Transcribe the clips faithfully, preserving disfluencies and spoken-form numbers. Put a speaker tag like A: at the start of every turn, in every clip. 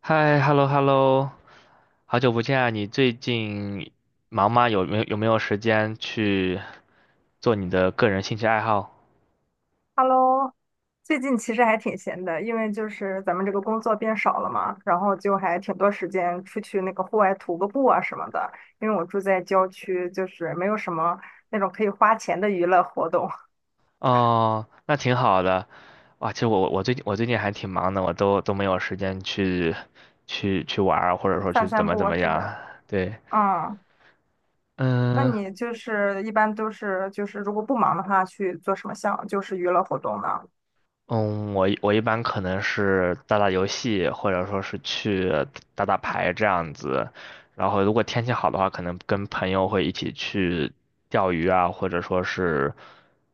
A: 嗨，hello hello，好久不见啊！你最近忙吗？有没有有没有时间去做你的个人兴趣爱好？
B: Hello，最近其实还挺闲的，因为就是咱们这个工作变少了嘛，然后就还挺多时间出去那个户外徒个步啊什么的。因为我住在郊区，就是没有什么那种可以花钱的娱乐活动。
A: 哦，那挺好的。哇，其实我我最近我最近还挺忙的，我都都没有时间去去去玩儿或者 说去
B: 散
A: 怎
B: 散
A: 么
B: 步
A: 怎
B: 啊
A: 么
B: 是
A: 样
B: 的。
A: 啊。对，
B: 嗯，那
A: 嗯，
B: 你就是一般都是就是如果不忙的话，去做什么项就是娱乐活动呢？
A: 嗯，我一我一般可能是打打游戏，或者说是去打打牌这样子。然后如果天气好的话，可能跟朋友会一起去钓鱼啊，或者说是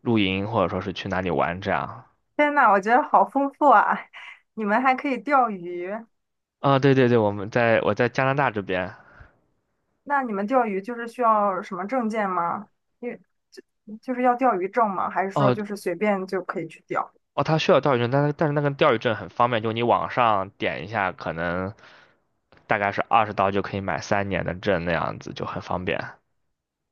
A: 露营，或者说是去哪里玩这样。
B: 天呐，我觉得好丰富啊！你们还可以钓鱼。
A: 啊、对对对，我们在我在加拿大这边。
B: 那你们钓鱼就是需要什么证件吗？因为就就是要钓鱼证吗？还是说
A: 哦
B: 就是随便就可以去钓？
A: 哦，他需要钓鱼证，但是但是那个钓鱼证很方便，就你网上点一下，可能大概是二十刀就可以买三年的证那样子，就很方便。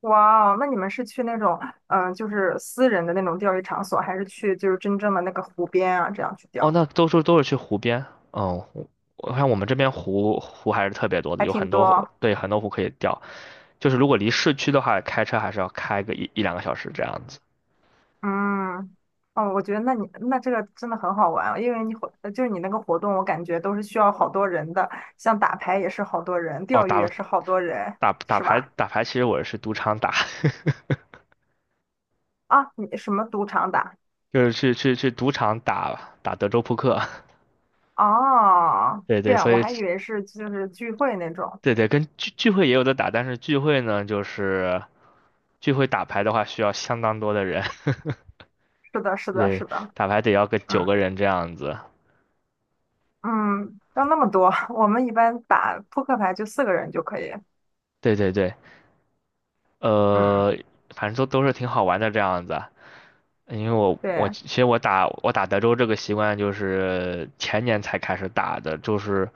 B: 哇哦，那你们是去那种嗯、呃就是私人的那种钓鱼场所，还是去就是真正的那个湖边啊，这样去
A: 哦，
B: 钓？
A: 那都是都是去湖边。嗯，我我看我们这边湖湖还是特别多的，
B: 还
A: 有
B: 挺
A: 很多湖，
B: 多。
A: 对，很多湖可以钓。就是如果离市区的话，开车还是要开个一一两个小时这样子。
B: 嗯，哦，我觉得那你那这个真的很好玩啊，因为你活呃就是你那个活动，我感觉都是需要好多人的，像打牌也是好多人，
A: 哦，
B: 钓鱼
A: 打
B: 也是好多人。
A: 打打
B: 是
A: 牌
B: 吧？
A: 打牌，其实我是赌场打，
B: 啊，你什么赌场打？
A: 就是去去去赌场打打德州扑克。
B: 哦，
A: 对
B: 这
A: 对，所
B: 样，我
A: 以
B: 还以为是就是聚会那种。
A: 对对，跟聚聚会也有的打，但是聚会呢，就是聚会打牌的话，需要相当多的人。
B: 是的，是的，
A: 对，
B: 是的。
A: 打牌得要个九
B: 嗯
A: 个人这样子。
B: 嗯，要那么多，我们一般打扑克牌就四个人就可以。
A: 对对对。
B: 嗯，
A: 呃，反正都都是挺好玩的这样子。因为我我
B: 对
A: 其实我打我打德州这个习惯就是前年才开始打的，就是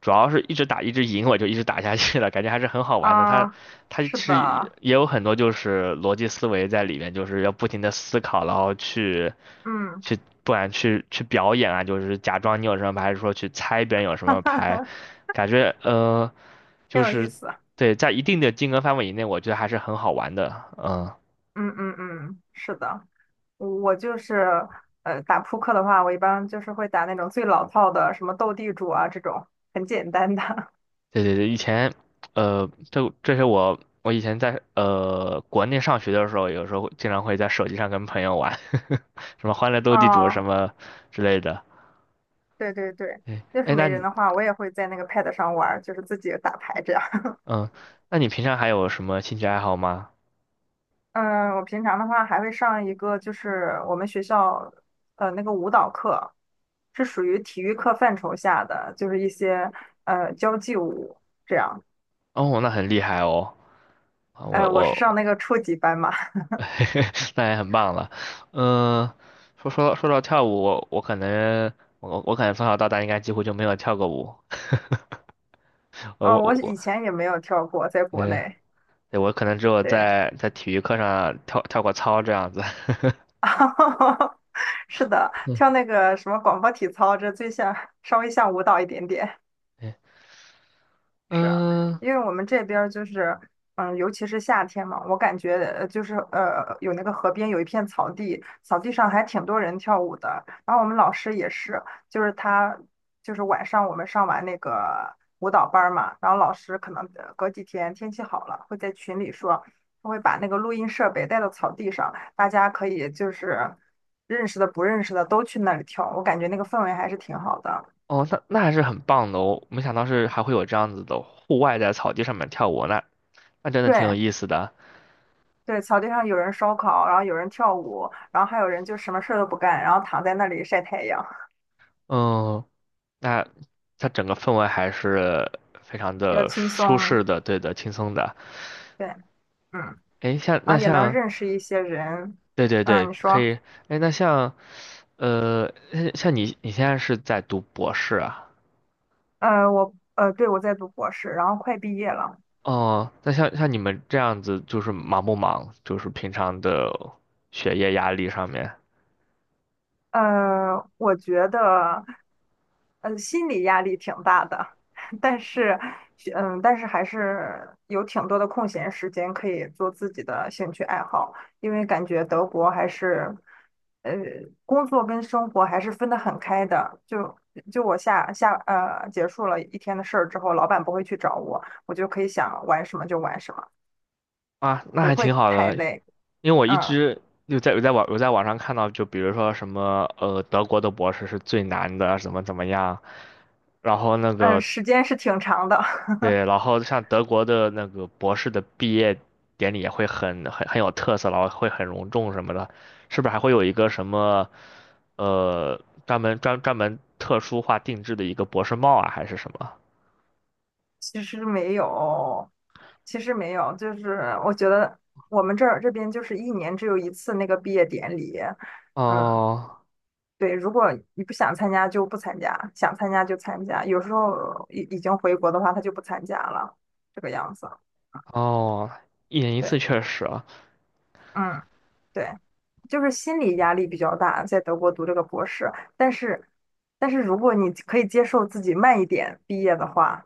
A: 主要是一直打一直赢，我就一直打下去了，感觉还是很好玩的。它
B: 啊，
A: 它其
B: 是
A: 实也
B: 的，
A: 也有很多就是逻辑思维在里面，就是要不停的思考，然后去
B: 嗯，
A: 去不管去去表演啊，就是假装你有什么牌，还是说去猜别人有 什
B: 哈
A: 么
B: 哈
A: 牌，
B: 哈，
A: 感觉呃
B: 挺
A: 就
B: 有意
A: 是，
B: 思。
A: 对，在一定的金额范围以内，我觉得还是很好玩的，嗯。
B: 嗯嗯嗯，是的，我就是呃打扑克的话，我一般就是会打那种最老套的，什么斗地主啊这种很简单的。
A: 对对对，以前，呃，这这些我我以前在呃国内上学的时候，有时候经常会在手机上跟朋友玩 什么《欢乐 斗地主》什
B: 哦，
A: 么之类的。
B: 对对对，
A: 哎
B: 要是
A: 哎，那
B: 没人
A: 你
B: 的话，我也会在那个 pad 上玩儿，就是自己打牌这样。
A: 嗯，那你平常还有什么兴趣爱好吗？
B: 嗯，我平常的话还会上一个，就是我们学校呃那个舞蹈课，是属于体育课范畴下的，就是一些呃交际舞这样。
A: 哦，那很厉害哦，啊我
B: 呃，我是上
A: 我
B: 那个初级班嘛。
A: 那也很棒了。嗯、说说到说到跳舞，我我可能我我可能从小到大应该几乎就没有跳过舞。我
B: 哦，
A: 我
B: 我
A: 我，
B: 以前也没有跳过，在国
A: 嗯。
B: 内，
A: 对，我可能只有
B: 对。
A: 在在体育课上跳跳过操这样子。
B: 是的，
A: 嗯，
B: 跳那个什么广播体操，这最像稍微像舞蹈一点点。
A: 对，
B: 是啊。
A: 嗯，
B: 因为我们这边儿就是，嗯，尤其是夏天嘛，我感觉呃就是呃，有那个河边有一片草地，草地上还挺多人跳舞的。然后我们老师也是，就是他就是晚上我们上完那个舞蹈班儿嘛，然后老师可能呃隔几天天气好了，会在群里说，他会把那个录音设备带到草地上，大家可以就是认识的不认识的都去那里跳，我感觉那个氛围还是挺好的。
A: 哦，那那还是很棒的哦，没想到是还会有这样子的户外在草地上面跳舞，那那真的挺有
B: 对，
A: 意思的。
B: 对，草地上有人烧烤，然后有人跳舞，然后还有人就什么事儿都不干，然后躺在那里晒太阳，
A: 嗯，那它整个氛围还是非常
B: 比较
A: 的
B: 轻
A: 舒
B: 松。
A: 适的，对的，轻松的。
B: 对，嗯，
A: 诶，像
B: 然
A: 那
B: 后也能
A: 像，
B: 认识一些人。
A: 对对对，
B: 嗯，你
A: 可
B: 说。
A: 以。诶，那像呃，像像你你现在是在读博士啊？
B: 呃，我，呃，对，我在读博士，然后快毕业了。
A: 哦，那像像你们这样子，就是忙不忙？就是平常的学业压力上面
B: 呃，我觉得，呃，心理压力挺大的，但是，嗯，但是还是有挺多的空闲时间可以做自己的兴趣爱好，因为感觉德国还是，呃，工作跟生活还是分得很开的。就就我下下呃结束了一天的事儿之后，老板不会去找我，我就可以想玩什么就玩什么，
A: 啊，那
B: 不
A: 还
B: 会
A: 挺好
B: 太
A: 的。
B: 累。
A: 因为我一
B: 嗯
A: 直有在有在网有在网上看到，就比如说什么呃，德国的博士是最难的，怎么怎么样。然后那
B: 嗯，
A: 个，
B: 时间是挺长的。
A: 对，然后像德国的那个博士的毕业典礼也会很很很有特色，然后会很隆重什么的，是不是还会有一个什么呃专门专专门特殊化定制的一个博士帽啊，还是什么？
B: 其实没有，其实没有，就是我觉得我们这儿这边就是一年只有一次那个毕业典礼。嗯，
A: 哦
B: 对，如果你不想参加就不参加，想参加就参加，有时候已已经回国的话，他就不参加了，这个样子。
A: 哦，一年一
B: 对，
A: 次确实啊，
B: 嗯，对，就是心理压力比较大，在德国读这个博士，但是但是如果你可以接受自己慢一点毕业的话，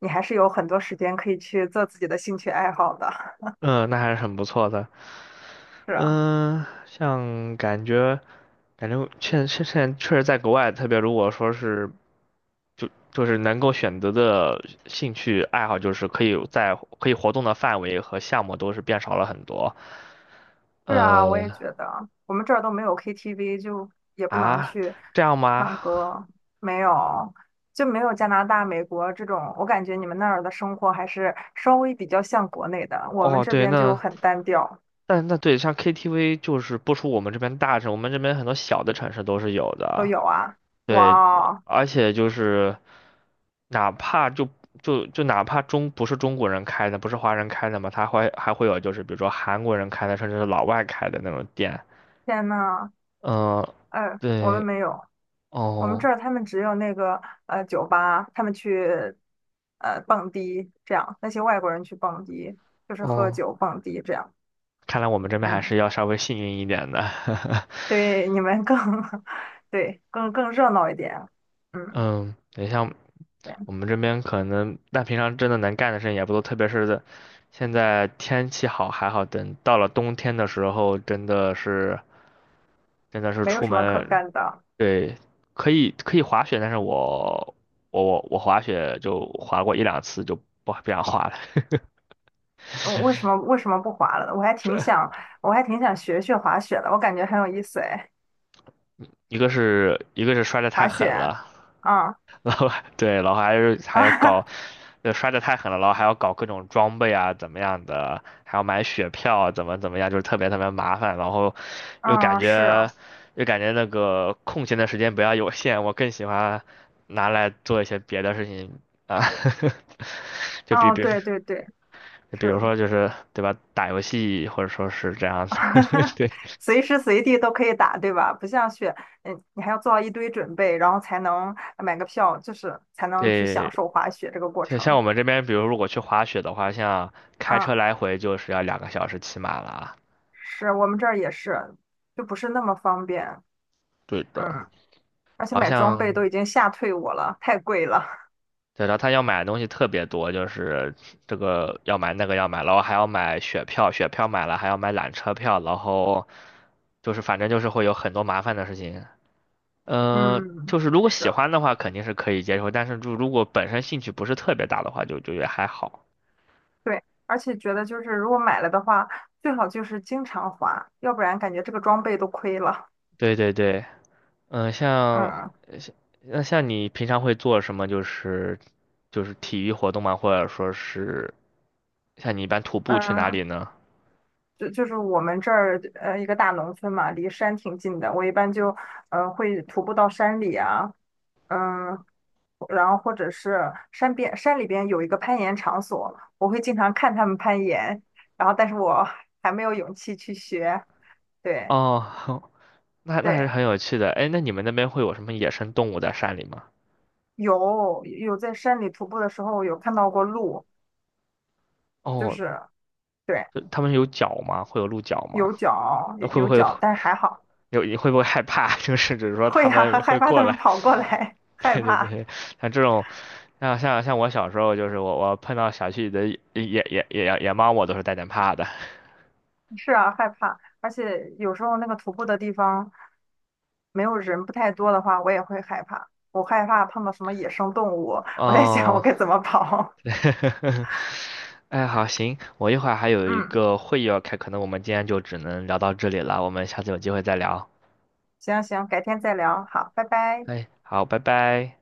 B: 你还是有很多时间可以去做自己的兴趣爱好的。
A: 嗯，那还是很不错的。
B: 是啊。
A: 嗯，像感觉感觉现现现在确实在国外，特别如果说是就就是能够选择的兴趣爱好，就是可以在可以活动的范围和项目都是变少了很多。
B: 是啊，我
A: 呃
B: 也觉得，我们这儿都没有 K T V，就也不能
A: 啊，
B: 去
A: 这样吗？
B: 唱歌。没有，就没有加拿大、美国这种。我感觉你们那儿的生活还是稍微比较像国内的，我们
A: 哦，
B: 这
A: 对，
B: 边就
A: 那
B: 很单调。
A: 但那对，像 K T V 就是不出我们这边大城，我们这边很多小的城市都是有
B: 都
A: 的。
B: 有啊，哇
A: 对，
B: 哦，
A: 而且就是哪怕就就就哪怕中不是中国人开的，不是华人开的嘛，他会还会有就是比如说韩国人开的，甚至是老外开的那种店。
B: 天呐。
A: 嗯、
B: 呃，我们
A: 对，
B: 没有，我们这
A: 哦
B: 儿他们只有那个呃酒吧，他们去呃蹦迪这样，那些外国人去蹦迪，就是喝
A: 哦，
B: 酒蹦迪这样，
A: 看来我们这边还
B: 嗯。
A: 是要稍微幸运一点的。
B: 对，你们更 对，更更热闹一点。嗯，
A: 嗯，你像
B: 对，
A: 我们这边可能，但平常真的能干的事情也不多，特别是现在天气好还好，等到了冬天的时候，真的是真的是
B: 没有
A: 出
B: 什么可
A: 门，
B: 干的。
A: 对，可以可以滑雪，但是我我我我滑雪就滑过一两次就不不想滑了，
B: 呃为什么为什么不滑了呢？我还 挺
A: 是
B: 想，我还挺想学学滑雪的，我感觉很有意思哎，
A: 一个是一个是摔得太
B: 滑
A: 狠
B: 雪。
A: 了，
B: 嗯
A: 然后，对，然后还是还要搞，
B: 啊，
A: 呃，摔得太狠了，然后还要搞各种装备啊，怎么样的，还要买雪票啊，怎么怎么样，就是特别特别麻烦，然后 又感
B: 嗯，是，
A: 觉又感觉那个空闲的时间比较有限，我更喜欢拿来做一些别的事情啊。就比
B: 哦，
A: 比。
B: 对对对，
A: 比
B: 是
A: 如
B: 的。
A: 说就是对吧，打游戏或者说是这样子，对
B: 随时随地都可以打，对吧？不像雪，嗯，你还要做好一堆准备，然后才能买个票，就是才能去享
A: 对，
B: 受滑雪这个过
A: 像像
B: 程。
A: 我们这边，比如如果去滑雪的话，像开车
B: 嗯。
A: 来回就是要两个小时起码了啊，
B: 是我们这儿也是，就不是那么方便。
A: 对的，
B: 嗯，而且
A: 好
B: 买装备
A: 像
B: 都已经吓退我了，太贵了。
A: 对的，他要买的东西特别多，就是这个要买那个要买，然后还要买雪票，雪票买了还要买缆车票，然后就是反正就是会有很多麻烦的事情。嗯，
B: 嗯，
A: 就是如果
B: 是，
A: 喜欢的话肯定是可以接受，但是就如果本身兴趣不是特别大的话，就就也还好。
B: 对，而且觉得就是如果买了的话，最好就是经常花，要不然感觉这个装备都亏了。
A: 对对对，嗯、像
B: 嗯
A: 像那像你平常会做什么？就是就是体育活动吗？或者说是像你一般徒步去哪
B: 嗯，
A: 里呢？
B: 就就是我们这儿呃一个大农村嘛，离山挺近的，我一般就呃会徒步到山里啊。嗯、然后或者是山边山里边有一个攀岩场所，我会经常看他们攀岩，然后但是我 还没有勇气去学。对
A: 哦，那那还是
B: 对，
A: 很有趣的。哎，那你们那边会有什么野生动物在山里吗？
B: 有有在山里徒步的时候有看到过鹿，就
A: 哦，
B: 是对，
A: 呃他们有脚吗？会有鹿角吗？
B: 有脚有
A: 那会不
B: 有
A: 会
B: 脚，但是还好。
A: 有？你会不会害怕？就是只是说
B: 会
A: 他
B: 呀，
A: 们
B: 啊 害
A: 会
B: 怕
A: 过
B: 他们
A: 来。
B: 跑过来，害
A: 对对
B: 怕。
A: 对，像这种，像像像我小时候，就是我我碰到小区里的野野野野野猫，我都是带点怕的。
B: 是啊，害怕，而且有时候那个徒步的地方没有人不太多的话，我也会害怕。我害怕碰到什么野生动物，我在想我
A: 哦，
B: 该怎么跑。
A: 哎，好，行，我一会儿还 有一
B: 嗯，
A: 个会议要开，可能我们今天就只能聊到这里了，我们下次有机会再聊。
B: 行行，改天再聊，好，拜拜。
A: 哎，好，拜拜。